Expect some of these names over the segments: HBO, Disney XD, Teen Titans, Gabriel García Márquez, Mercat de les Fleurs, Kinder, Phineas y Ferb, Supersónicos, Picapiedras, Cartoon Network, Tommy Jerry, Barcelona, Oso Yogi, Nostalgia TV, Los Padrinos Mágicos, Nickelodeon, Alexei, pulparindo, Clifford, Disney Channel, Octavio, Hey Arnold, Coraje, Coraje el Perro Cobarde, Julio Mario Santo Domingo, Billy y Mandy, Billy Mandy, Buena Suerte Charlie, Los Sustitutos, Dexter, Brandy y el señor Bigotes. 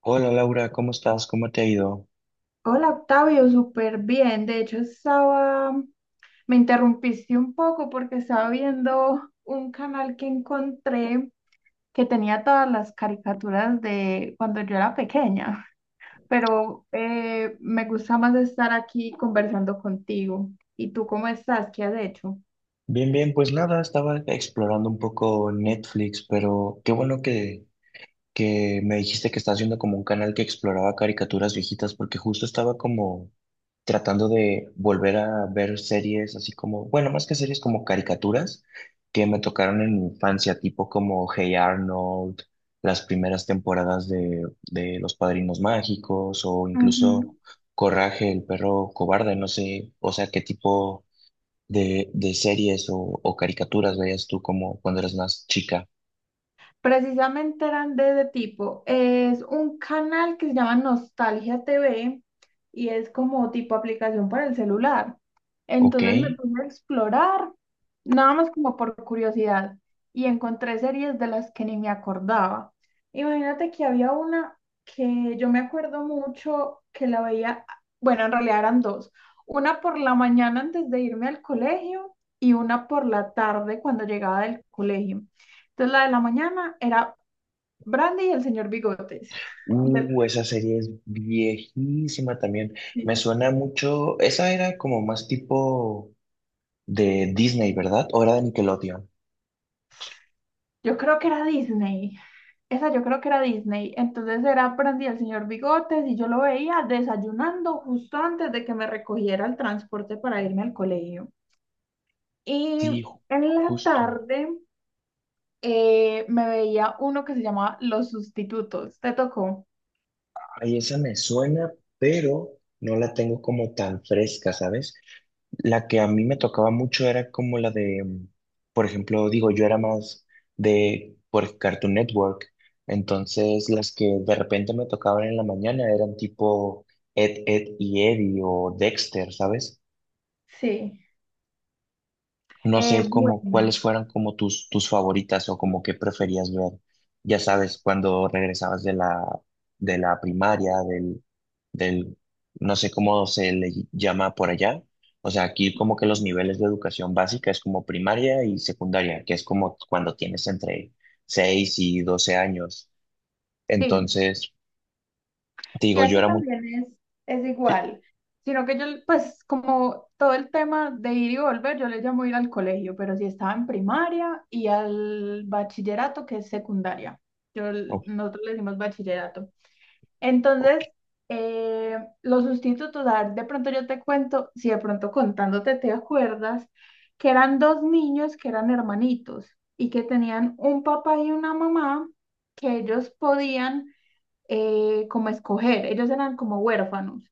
Hola Laura, ¿cómo estás? ¿Cómo te ha ido? Hola Octavio, súper bien. De hecho, estaba, me interrumpiste un poco porque estaba viendo un canal que encontré que tenía todas las caricaturas de cuando yo era pequeña, pero me gusta más estar aquí conversando contigo. ¿Y tú cómo estás? ¿Qué has hecho? Bien, bien, pues nada, estaba explorando un poco Netflix, pero qué bueno que me dijiste que estás viendo como un canal que exploraba caricaturas viejitas, porque justo estaba como tratando de volver a ver series así como, bueno, más que series como caricaturas que me tocaron en mi infancia, tipo como Hey Arnold, las primeras temporadas de Los Padrinos Mágicos o incluso Coraje, el perro cobarde, no sé, o sea, qué tipo de series o caricaturas veías tú como cuando eras más chica. Precisamente eran de ese tipo. Es un canal que se llama Nostalgia TV y es como tipo aplicación para el celular. ¿Ok? Entonces me puse a explorar, nada más como por curiosidad, y encontré series de las que ni me acordaba. Imagínate que había una que yo me acuerdo mucho que la veía, bueno, en realidad eran dos. Una por la mañana antes de irme al colegio y una por la tarde cuando llegaba del colegio. Entonces la de la mañana era Brandy y el señor Bigotes. Del- Esa serie es viejísima también. Me sí. suena mucho. Esa era como más tipo de Disney, ¿verdad? ¿O era de Nickelodeon? Yo creo que era Disney. Esa yo creo que era Disney. Entonces era Brandy y el señor Bigotes y yo lo veía desayunando justo antes de que me recogiera el transporte para irme al colegio. Sí, Y en la justo. tarde me veía uno que se llamaba Los Sustitutos. ¿Te tocó? Ay, esa me suena, pero no la tengo como tan fresca, ¿sabes? La que a mí me tocaba mucho era como la de, por ejemplo, digo, yo era más de por Cartoon Network, entonces las que de repente me tocaban en la mañana eran tipo Ed, Ed y Eddie o Dexter, ¿sabes? Sí. No sé cómo, cuáles Bueno. fueran como tus, tus favoritas o como qué preferías ver. Ya sabes, cuando regresabas de la primaria, del, no sé cómo se le llama por allá. O sea, aquí como que los niveles de educación básica es como primaria y secundaria, que es como cuando tienes entre 6 y 12 años. Sí, Entonces, te sí, digo, yo aquí era muy... también es Sí, igual, sino que yo, pues como todo el tema de ir y volver, yo le llamo ir al colegio, pero sí estaba en primaria y al bachillerato, que es secundaria. Yo, ok, Nosotros le decimos bachillerato. ok. Entonces, eh, los sustitutos, a ver, de pronto yo te cuento, si de pronto contándote te acuerdas, que eran dos niños que eran hermanitos y que tenían un papá y una mamá que ellos podían como escoger. Ellos eran como huérfanos.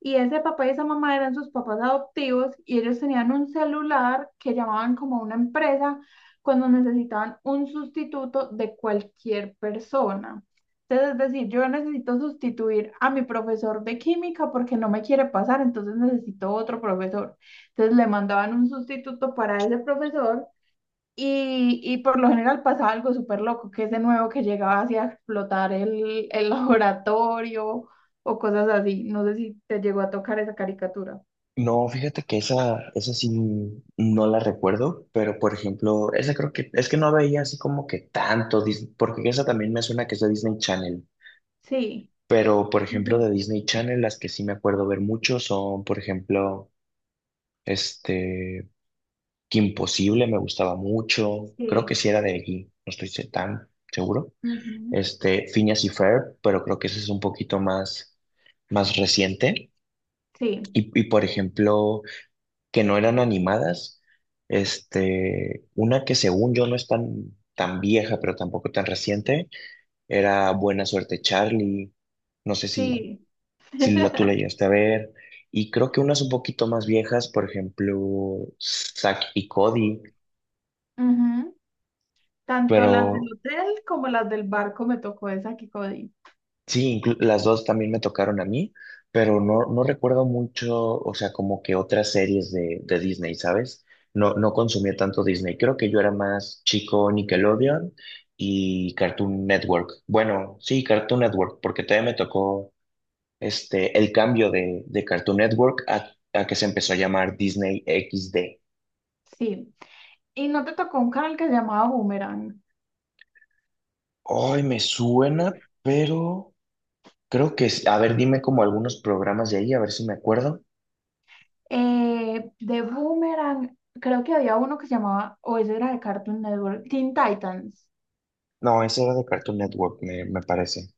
Y ese papá y esa mamá eran sus papás adoptivos y ellos tenían un celular que llamaban como una empresa cuando necesitaban un sustituto de cualquier persona. Entonces, es decir, yo necesito sustituir a mi profesor de química porque no me quiere pasar, entonces necesito otro profesor. Entonces le mandaban un sustituto para ese profesor y por lo general pasa algo súper loco, que es de nuevo que llegaba así a explotar el laboratorio o cosas así. No sé si te llegó a tocar esa caricatura. No, fíjate que esa sí no la recuerdo, pero por ejemplo, esa creo que es que no veía así como que tanto Disney, porque esa también me suena que es de Disney Channel, Sí. pero por ejemplo de Ujú. Disney Channel las que sí me acuerdo ver mucho son, por ejemplo, este, Kim imposible me gustaba mucho. Creo Sí, que sí era de allí, no estoy tan seguro. ujú, Este, Phineas y Ferb, pero creo que ese es un poquito más reciente. sí, Por ejemplo, que no eran animadas. Este, una que según yo no es tan, tan vieja, pero tampoco tan reciente, era Buena Suerte Charlie. No sé si, sí. si la, tú la llegaste a ver. Y creo que unas un poquito más viejas, por ejemplo, Zack y Cody. Ujú. Tanto las del Pero hotel como las del barco me tocó esa Kikodi. sí, las dos también me tocaron a mí, pero no, no recuerdo mucho, o sea, como que otras series de Disney, ¿sabes? No, no consumía tanto Disney. Creo que yo era más chico Nickelodeon y Cartoon Network. Bueno, sí, Cartoon Network, porque todavía me tocó este, el cambio de Cartoon Network a que se empezó a llamar Disney XD. Sí. Y no te tocó un canal que se llamaba Boomerang. Ay, me suena, pero creo a ver, dime como algunos programas de ahí, a ver si me acuerdo. De Boomerang, creo que había uno que se llamaba, o ese era de Cartoon Network, Teen Titans. No, ese era de Cartoon Network, me parece.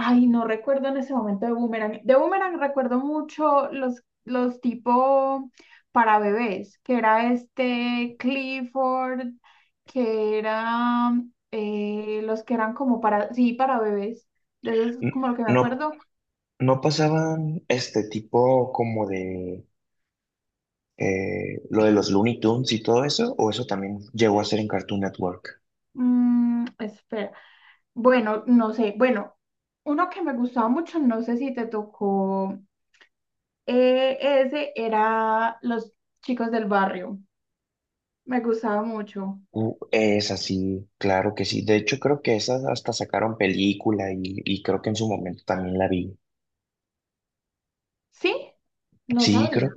Ay, no recuerdo en ese momento de Boomerang. De Boomerang recuerdo mucho los tipo para bebés, que era este Clifford, que era los que eran como para, sí, para bebés. De eso es como lo que me No, acuerdo. no pasaban este tipo como de lo de los Looney Tunes y todo eso, o eso también llegó a ser en Cartoon Network. Espera. Bueno, no sé. Bueno, uno que me gustaba mucho, no sé si te tocó, ese era Los Chicos del Barrio. Me gustaba mucho. Es así, claro que sí. De hecho, creo que esas hasta sacaron película y creo que en su momento también la vi. ¿Sí? No Sí, sabía. creo,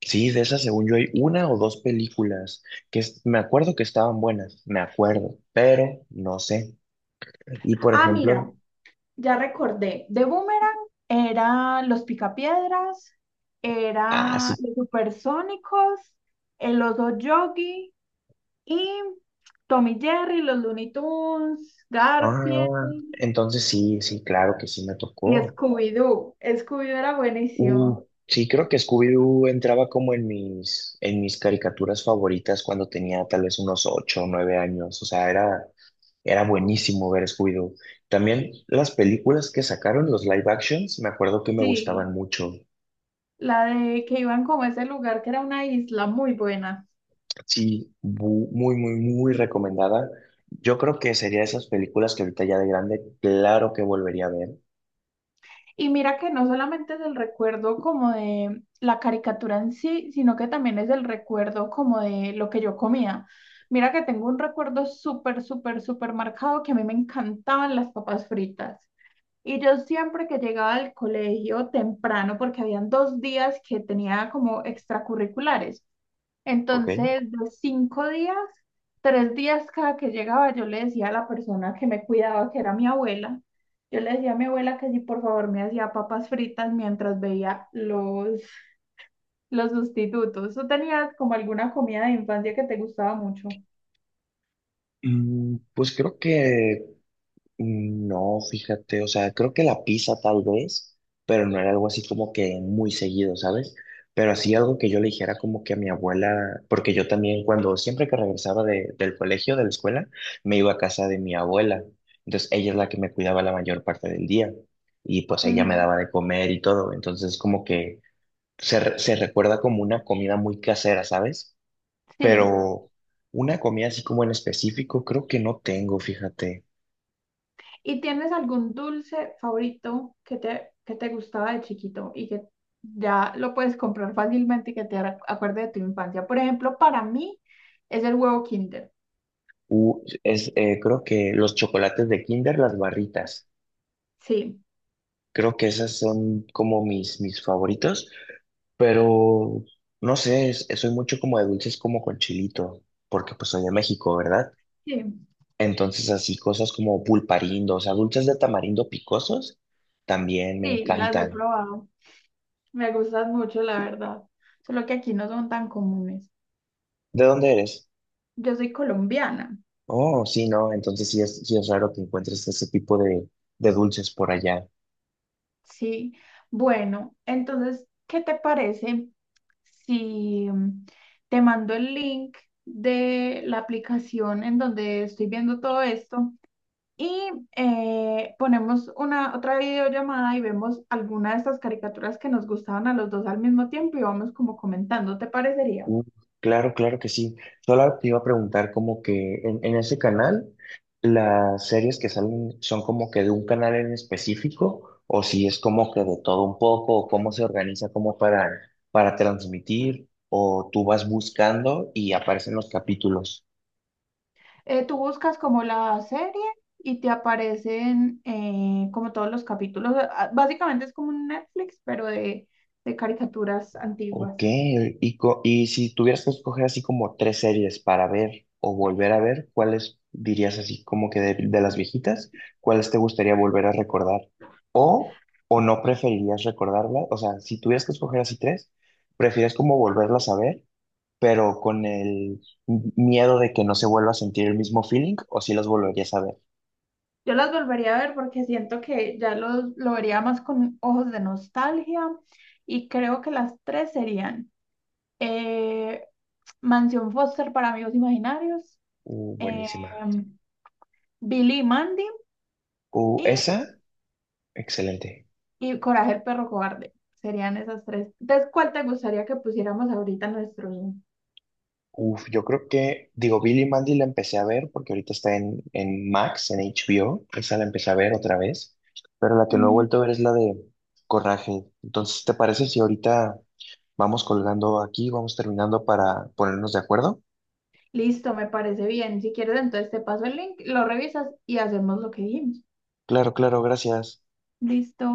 sí, de esas según yo hay una o dos películas que me acuerdo que estaban buenas, me acuerdo, pero no sé. Y por Ah, ejemplo, mira, ya recordé. De Boomerang eran los Picapiedras, eran así, los Supersónicos, el Oso Yogi y Tommy Jerry, los Looney Tunes, Garfield ah, entonces sí, sí, claro que sí me y tocó. Scooby-Doo. Scooby-Doo era buenísimo. Sí, creo que Scooby-Doo entraba como en en mis caricaturas favoritas cuando tenía tal vez unos ocho o nueve años. O sea, era, era buenísimo ver Scooby-Doo. También las películas que sacaron, los live actions, me acuerdo que me gustaban Sí, mucho. la de que iban como a ese lugar que era una isla muy buena. Sí, muy, muy, muy recomendada. Yo creo que sería esas películas que ahorita ya de grande, claro que volvería a ver. Y mira que no solamente es el recuerdo como de la caricatura en sí, sino que también es el recuerdo como de lo que yo comía. Mira que tengo un recuerdo súper, súper, súper marcado que a mí me encantaban las papas fritas. Y yo siempre que llegaba al colegio temprano, porque habían 2 días que tenía como extracurriculares, Ok. entonces, de 5 días, 3 días cada que llegaba, yo le decía a la persona que me cuidaba, que era mi abuela, yo le decía a mi abuela que si por favor me hacía papas fritas mientras veía los sustitutos. ¿Tú tenías como alguna comida de infancia que te gustaba mucho? Mm, pues creo que no, fíjate, o sea, creo que la pizza tal vez, pero no era algo así como que muy seguido, ¿sabes? Pero así algo que yo le dijera como que a mi abuela, porque yo también cuando siempre que regresaba del colegio, de la escuela, me iba a casa de mi abuela. Entonces ella es la que me cuidaba la mayor parte del día y pues ella me Ujú. daba de comer y todo. Entonces como que se, se recuerda como una comida muy casera, ¿sabes? Sí. Pero una comida así como en específico, creo que no tengo, fíjate. ¿Y tienes algún dulce favorito que te gustaba de chiquito y que ya lo puedes comprar fácilmente y que te acuerde de tu infancia? Por ejemplo, para mí es el huevo Kinder. Creo que los chocolates de Kinder, las barritas. Sí, Creo que esas son como mis, mis favoritos, pero no sé, soy mucho como de dulces como con chilito, porque pues soy de México, ¿verdad? sí, Entonces así cosas como pulparindo, o sea, dulces de tamarindo picosos, también me sí, las he encantan. probado. Me gustan mucho, la verdad. Solo que aquí no son tan comunes. ¿De dónde eres? Yo soy colombiana, Oh, sí, no, entonces sí es raro que encuentres ese tipo de dulces por allá. sí. Bueno, entonces, ¿qué te parece si te mando el link de la aplicación en donde estoy viendo todo esto y ponemos una otra videollamada y vemos alguna de estas caricaturas que nos gustaban a los dos al mismo tiempo y vamos como comentando, ¿te parecería? Uh, Claro, claro que sí. Solo te iba a preguntar como que en ese canal, las series que salen son como que de un canal en específico, o si es como que de todo un poco, o cómo se organiza como para transmitir, o tú vas buscando y aparecen los capítulos. Tú buscas como la serie y te aparecen como todos los capítulos. Ah, básicamente es como un Netflix, pero de caricaturas antiguas. Ok, y si tuvieras que escoger así como tres series para ver o volver a ver, ¿cuáles dirías así como que de las viejitas? ¿Cuáles te gustaría volver a recordar? ¿O, o no preferirías recordarlas? O sea, si tuvieras que escoger así tres, ¿prefieres como volverlas a ver, pero con el miedo de que no se vuelva a sentir el mismo feeling? ¿O si las volverías a ver? Yo las volvería a ver porque siento que ya lo vería más con ojos de nostalgia y creo que las tres serían eh, Mansión Foster para Amigos Imaginarios, eh, Buenísima. Billy y Mandy y, Esa, excelente. y Coraje el Perro Cobarde. Serían esas tres. Entonces, ¿cuál te gustaría que pusiéramos ahorita en nuestros. Uf, yo creo que, digo, Billy Mandy la empecé a ver porque ahorita está en Max, en HBO, esa la empecé a ver otra vez, pero la que no he Mm, vuelto a ver es la de Coraje. Entonces, ¿te parece si ahorita vamos colgando aquí, vamos terminando para ponernos de acuerdo? Listo, me parece bien. Si quieres, entonces te paso el link, lo revisas y hacemos lo que dijimos. Claro, claro, gracias. Listo.